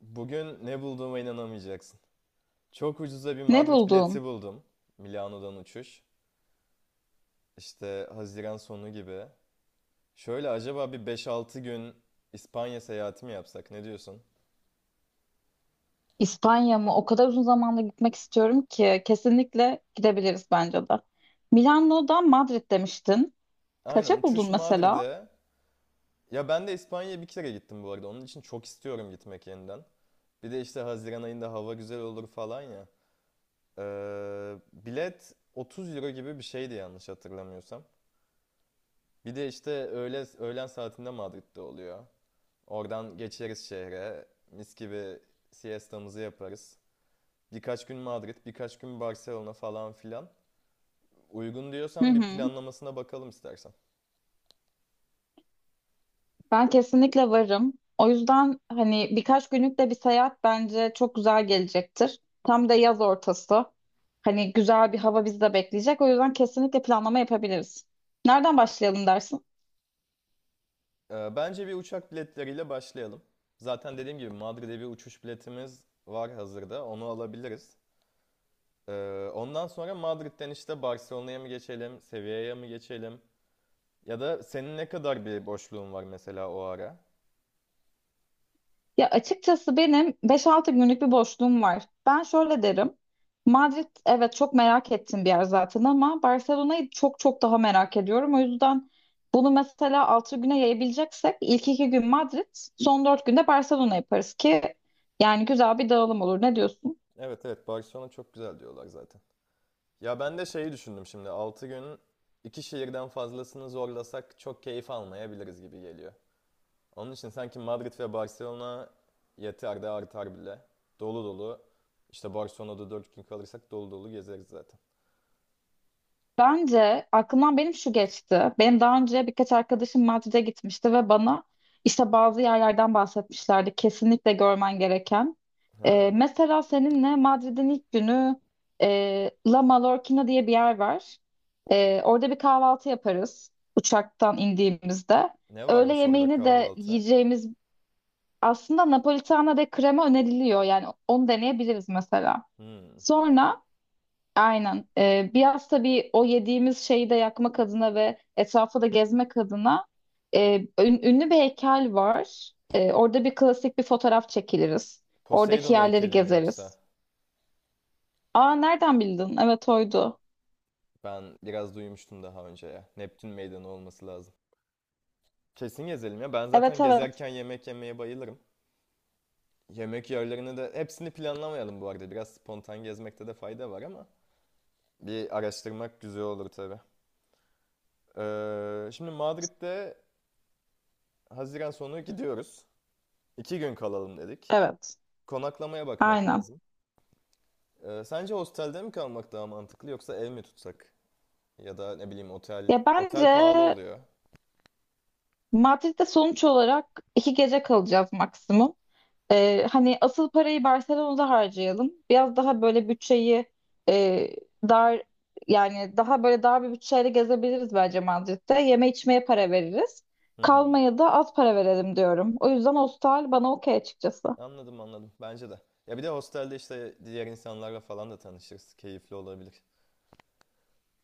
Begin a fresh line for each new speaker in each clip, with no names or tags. Bugün ne bulduğuma inanamayacaksın. Çok ucuza bir
Ne
Madrid bileti
buldun?
buldum. Milano'dan uçuş. İşte Haziran sonu gibi. Şöyle acaba bir beş altı gün İspanya seyahati mi yapsak? Ne diyorsun?
İspanya mı? O kadar uzun zamanda gitmek istiyorum ki kesinlikle gidebiliriz bence de. Milano'dan Madrid demiştin.
Aynen
Kaça
uçuş
buldun mesela?
Madrid'e. Ya ben de İspanya'ya bir kere gittim bu arada. Onun için çok istiyorum gitmek yeniden. Bir de işte Haziran ayında hava güzel olur falan ya. Bilet 30 euro gibi bir şeydi yanlış hatırlamıyorsam. Bir de işte öğlen saatinde Madrid'de oluyor. Oradan geçeriz şehre. Mis gibi siestamızı yaparız. Birkaç gün Madrid, birkaç gün Barcelona falan filan. Uygun
Hı
diyorsan bir
hı.
planlamasına bakalım istersen.
Ben kesinlikle varım. O yüzden hani birkaç günlük de bir seyahat bence çok güzel gelecektir. Tam da yaz ortası. Hani güzel bir hava bizi de bekleyecek. O yüzden kesinlikle planlama yapabiliriz. Nereden başlayalım dersin?
Bence bir uçak biletleriyle başlayalım. Zaten dediğim gibi Madrid'e bir uçuş biletimiz var hazırda. Onu alabiliriz. Ondan sonra Madrid'den işte Barcelona'ya mı geçelim, Sevilla'ya mı geçelim? Ya da senin ne kadar bir boşluğun var mesela o ara?
Ya açıkçası benim 5-6 günlük bir boşluğum var. Ben şöyle derim. Madrid, evet, çok merak ettiğim bir yer zaten ama Barcelona'yı çok çok daha merak ediyorum. O yüzden bunu mesela 6 güne yayabileceksek ilk 2 gün Madrid, son 4 günde Barcelona yaparız ki yani güzel bir dağılım olur. Ne diyorsun?
Evet evet, Barcelona çok güzel diyorlar zaten. Ya ben de şeyi düşündüm şimdi. 6 gün iki şehirden fazlasını zorlasak çok keyif almayabiliriz gibi geliyor. Onun için sanki Madrid ve Barcelona yeter de artar bile. Dolu dolu. İşte Barcelona'da 4 gün kalırsak dolu dolu gezeriz zaten.
Bence aklımdan benim şu geçti. Benim daha önce birkaç arkadaşım Madrid'e gitmişti ve bana işte bazı yerlerden bahsetmişlerdi. Kesinlikle görmen gereken. Ee,
Ha.
mesela seninle Madrid'in ilk günü La Mallorquina diye bir yer var. Orada bir kahvaltı yaparız uçaktan indiğimizde.
Ne
Öğle
varmış orada
yemeğini de
kahvaltı?
yiyeceğimiz aslında Napolitana de krema öneriliyor. Yani onu deneyebiliriz mesela.
Hmm.
Sonra. Aynen. Biraz tabii o yediğimiz şeyi de yakmak adına ve etrafı da gezmek adına ünlü bir heykel var. Orada bir klasik bir fotoğraf çekiliriz. Oradaki
Poseidon
yerleri
heykeli mi yoksa?
gezeriz. Aa, nereden bildin? Evet, oydu.
Ben biraz duymuştum daha önce ya. Neptün meydanı olması lazım. Kesin gezelim ya. Ben
Evet
zaten
evet.
gezerken yemek yemeye bayılırım. Yemek yerlerini de hepsini planlamayalım bu arada. Biraz spontan gezmekte de fayda var ama bir araştırmak güzel olur tabii. Şimdi Madrid'de Haziran sonu gidiyoruz. 2 gün kalalım dedik.
Evet.
Konaklamaya bakmak
Aynen.
lazım. Sence hostelde mi kalmak daha mantıklı yoksa ev mi tutsak? Ya da ne bileyim otel.
Ya bence
Otel pahalı oluyor.
Madrid'de sonuç olarak 2 gece kalacağız maksimum. Hani asıl parayı Barcelona'da harcayalım. Biraz daha böyle bütçeyi e, dar, yani daha böyle dar bir bütçeyle gezebiliriz bence Madrid'de. Yeme içmeye para veririz.
Hı hı.
Kalmaya da az para verelim diyorum. O yüzden hostel bana okey açıkçası.
Anladım anladım. Bence de. Ya bir de hostelde işte diğer insanlarla falan da tanışırız. Keyifli olabilir.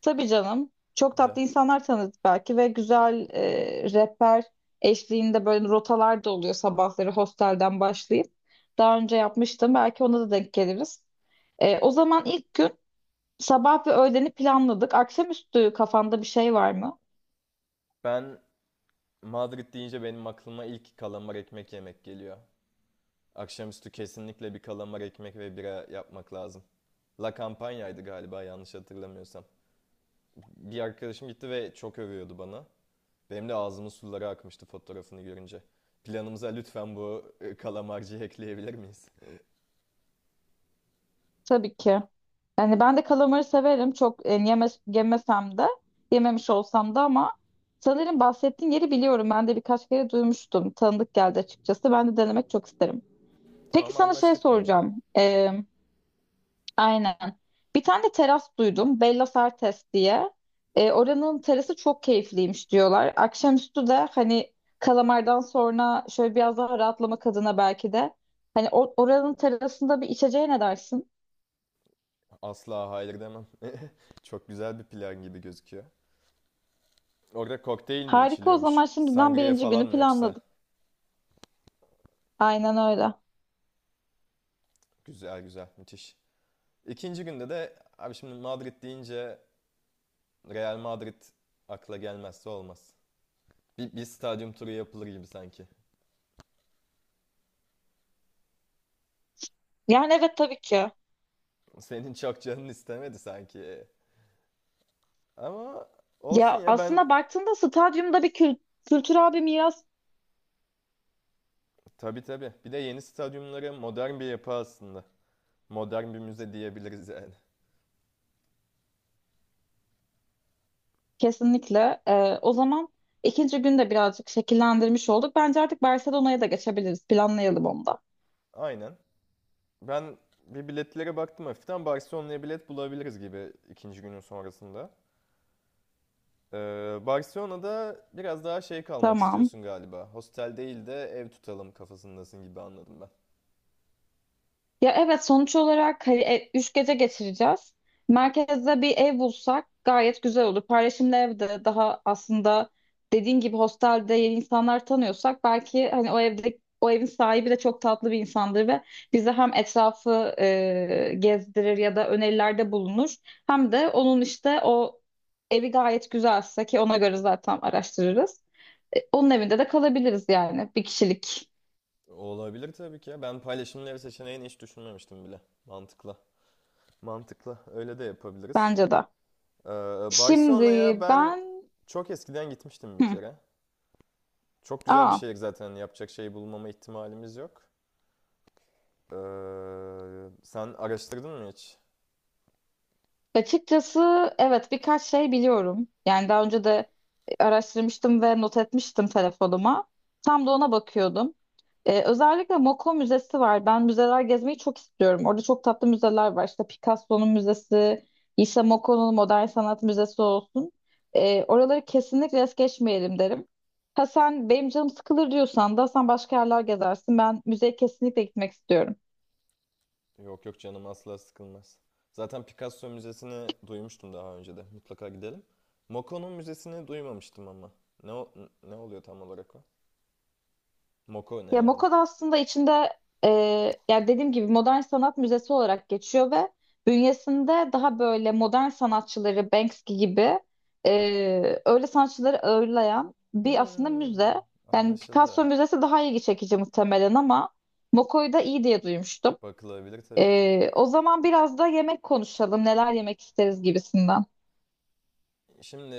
Tabii canım. Çok
Güzel.
tatlı insanlar tanıdık belki ve güzel rehber eşliğinde böyle rotalar da oluyor sabahları hostelden başlayıp. Daha önce yapmıştım. Belki ona da denk geliriz. O zaman ilk gün sabah ve öğleni planladık. Akşamüstü kafanda bir şey var mı?
Ben Madrid deyince benim aklıma ilk kalamar ekmek yemek geliyor. Akşamüstü kesinlikle bir kalamar ekmek ve bira yapmak lazım. La Campaña'ydı galiba yanlış hatırlamıyorsam. Bir arkadaşım gitti ve çok övüyordu bana. Benim de ağzımın suları akmıştı fotoğrafını görünce. Planımıza lütfen bu kalamarcıyı ekleyebilir miyiz?
Tabii ki. Yani ben de kalamarı severim. Çok yemesem de, yememiş olsam da ama sanırım bahsettiğin yeri biliyorum. Ben de birkaç kere duymuştum. Tanıdık geldi açıkçası. Ben de denemek çok isterim. Peki
Tamam,
sana şey
anlaştık bunda da.
soracağım. Aynen. Bir tane de teras duydum. Bella Sartes diye. Oranın terası çok keyifliymiş diyorlar. Akşamüstü de hani kalamardan sonra şöyle biraz daha rahatlamak adına belki de. Hani oranın terasında bir içeceğe ne dersin?
Asla hayır demem. Çok güzel bir plan gibi gözüküyor. Orada kokteyl mi
Harika, o zaman
içiliyormuş?
şimdiden
Sangria
birinci
falan
günü
mı
planladık.
yoksa?
Aynen öyle.
Güzel güzel, müthiş. İkinci günde de abi şimdi Madrid deyince Real Madrid akla gelmezse olmaz. Bir stadyum turu yapılır gibi sanki.
Yani evet, tabii ki.
Senin çok canın istemedi sanki. Ama olsun
Ya
ya, ben
aslında baktığında stadyumda bir kültürel bir miras.
tabii tabii. Bir de yeni stadyumları modern bir yapı aslında. Modern bir müze diyebiliriz yani.
Kesinlikle. O zaman ikinci günde birazcık şekillendirmiş olduk. Bence artık Barcelona'ya da geçebiliriz. Planlayalım onu da.
Aynen. Ben bir biletlere baktım hafiften. Barcelona'ya bilet bulabiliriz gibi ikinci günün sonrasında. Barcelona'da biraz daha şey kalmak
Tamam.
istiyorsun galiba. Hostel değil de ev tutalım kafasındasın gibi anladım ben.
Ya evet, sonuç olarak hani 3 gece geçireceğiz. Merkezde bir ev bulsak gayet güzel olur. Paylaşımlı evde daha aslında dediğin gibi hostelde yeni insanlar tanıyorsak, belki hani o evde o evin sahibi de çok tatlı bir insandır ve bize hem etrafı gezdirir ya da önerilerde bulunur, hem de onun işte o evi gayet güzelse ki ona göre zaten araştırırız. Onun evinde de kalabiliriz yani, bir kişilik.
Olabilir tabii ki ya. Ben paylaşımlı ev seçeneğini hiç düşünmemiştim bile. Mantıklı. Mantıklı. Öyle de yapabiliriz.
Bence de.
Ee,
Şimdi
Barcelona'ya ben
ben.
çok eskiden gitmiştim bir
Hı.
kere. Çok güzel bir
Aa,
şehir zaten. Yapacak şey bulmama ihtimalimiz yok. Ee, Sen araştırdın mı hiç?
açıkçası evet, birkaç şey biliyorum. Yani daha önce de araştırmıştım ve not etmiştim telefonuma. Tam da ona bakıyordum. Özellikle Moco Müzesi var. Ben müzeler gezmeyi çok istiyorum. Orada çok tatlı müzeler var. İşte Picasso'nun müzesi, işte Moco'nun Modern Sanat Müzesi olsun. Oraları kesinlikle es geçmeyelim derim. Ha sen benim canım sıkılır diyorsan da sen başka yerler gezersin. Ben müzeye kesinlikle gitmek istiyorum.
Yok yok, canım asla sıkılmaz. Zaten Picasso Müzesi'ni duymuştum daha önce de. Mutlaka gidelim. Moko'nun müzesini duymamıştım ama. Ne o- Ne oluyor tam olarak o? Moko ne
Ya
yani?
MoCA'da aslında içinde, e, yani dediğim gibi, modern sanat müzesi olarak geçiyor ve bünyesinde daha böyle modern sanatçıları, Banksy gibi öyle sanatçıları ağırlayan bir aslında
Hmm,
müze. Yani Picasso
anlaşıldı.
müzesi daha ilgi çekici muhtemelen ama MoCA'yı da iyi diye duymuştum.
Bakılabilir tabii ki.
O zaman biraz da yemek konuşalım, neler yemek isteriz gibisinden.
Şimdi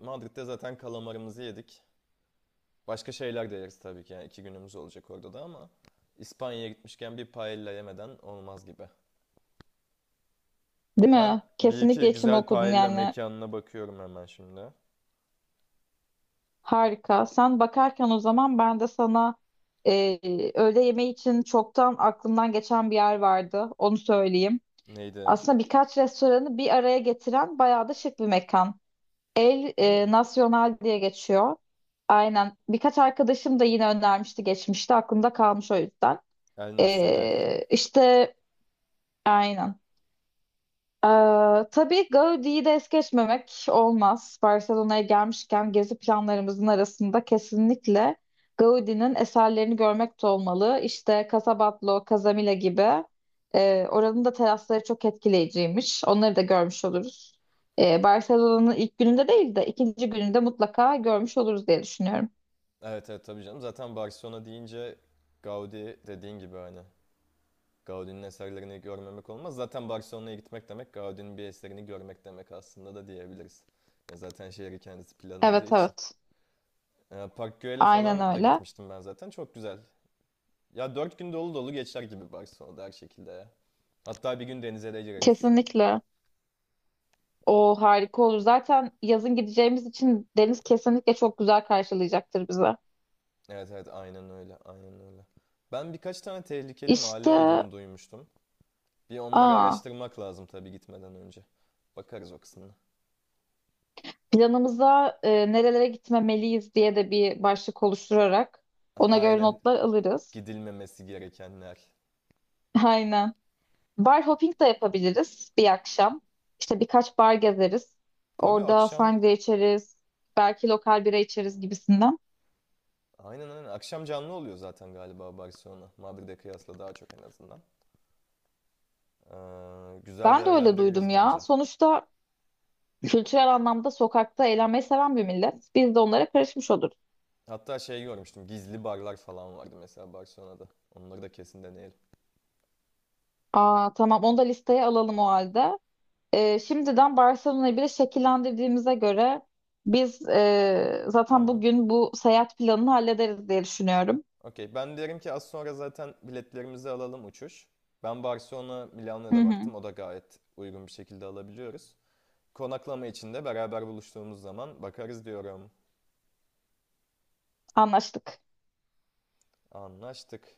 Madrid'de zaten kalamarımızı yedik. Başka şeyler de yeriz tabii ki. Yani 2 günümüz olacak orada da ama İspanya'ya gitmişken bir paella yemeden olmaz gibi.
Değil
Ben
mi?
bir iki
Kesinlikle içimi
güzel
okudun
paella
yani.
mekanına bakıyorum hemen şimdi.
Harika. Sen bakarken o zaman ben de sana e, öğle yemeği için çoktan aklımdan geçen bir yer vardı. Onu söyleyeyim.
Neydi?
Aslında birkaç restoranı bir araya getiren bayağı da şık bir mekan. El
Hmm.
Nacional diye geçiyor. Aynen. Birkaç arkadaşım da yine önermişti geçmişte. Aklımda kalmış o yüzden.
El Nacional.
E, işte aynen. Ee, tabii Gaudi'yi de es geçmemek olmaz. Barcelona'ya gelmişken gezi planlarımızın arasında kesinlikle Gaudi'nin eserlerini görmek de olmalı. İşte Casa Batlló, Casamila gibi oranın da terasları çok etkileyiciymiş. Onları da görmüş oluruz. Barcelona'nın ilk gününde değil de ikinci gününde mutlaka görmüş oluruz diye düşünüyorum.
Evet evet, tabii canım. Zaten Barcelona deyince Gaudi dediğin gibi hani. Gaudi'nin eserlerini görmemek olmaz. Zaten Barcelona'ya gitmek demek Gaudi'nin bir eserini görmek demek aslında da diyebiliriz. Ya zaten şehri kendisi planladığı
Evet
için.
evet,
Park Güell'e
aynen
falan da
öyle.
gitmiştim ben zaten. Çok güzel. Ya 4 gün dolu dolu geçer gibi Barcelona'da her şekilde ya. Hatta bir gün denize de gireriz.
Kesinlikle. O harika olur. Zaten yazın gideceğimiz için deniz kesinlikle çok güzel karşılayacaktır bize.
Evet evet, aynen öyle, aynen öyle. Ben birkaç tane tehlikeli mahalle
İşte.
olduğunu duymuştum. Bir onları
Aa,
araştırmak lazım tabii gitmeden önce. Bakarız o kısmına.
planımıza nerelere gitmemeliyiz diye de bir başlık oluşturarak ona göre
Aynen,
notlar alırız.
gidilmemesi gerekenler.
Aynen. Bar hopping de yapabiliriz bir akşam. İşte birkaç bar gezeriz.
Tabii
Orada
akşam
sangria içeriz. Belki lokal bira içeriz gibisinden.
aynen aynen, akşam canlı oluyor zaten galiba Barcelona. Madrid'e kıyasla daha çok en azından. Güzel
Ben de öyle duydum
değerlendiririz
ya.
bence.
Sonuçta kültürel anlamda sokakta eğlenmeyi seven bir millet. Biz de onlara karışmış oluruz.
Hatta şey görmüştüm, gizli barlar falan vardı mesela Barcelona'da. Onları da kesin deneyelim.
Aa, tamam, onu da listeye alalım o halde. Şimdiden Barcelona'yı bile şekillendirdiğimize göre biz zaten
Tamam.
bugün bu seyahat planını hallederiz diye düşünüyorum.
Okey. Ben derim ki az sonra zaten biletlerimizi alalım uçuş. Ben Barcelona Milano'ya
Hı
da
hı,
baktım. O da gayet uygun bir şekilde alabiliyoruz. Konaklama için de beraber buluştuğumuz zaman bakarız diyorum.
anlaştık.
Anlaştık.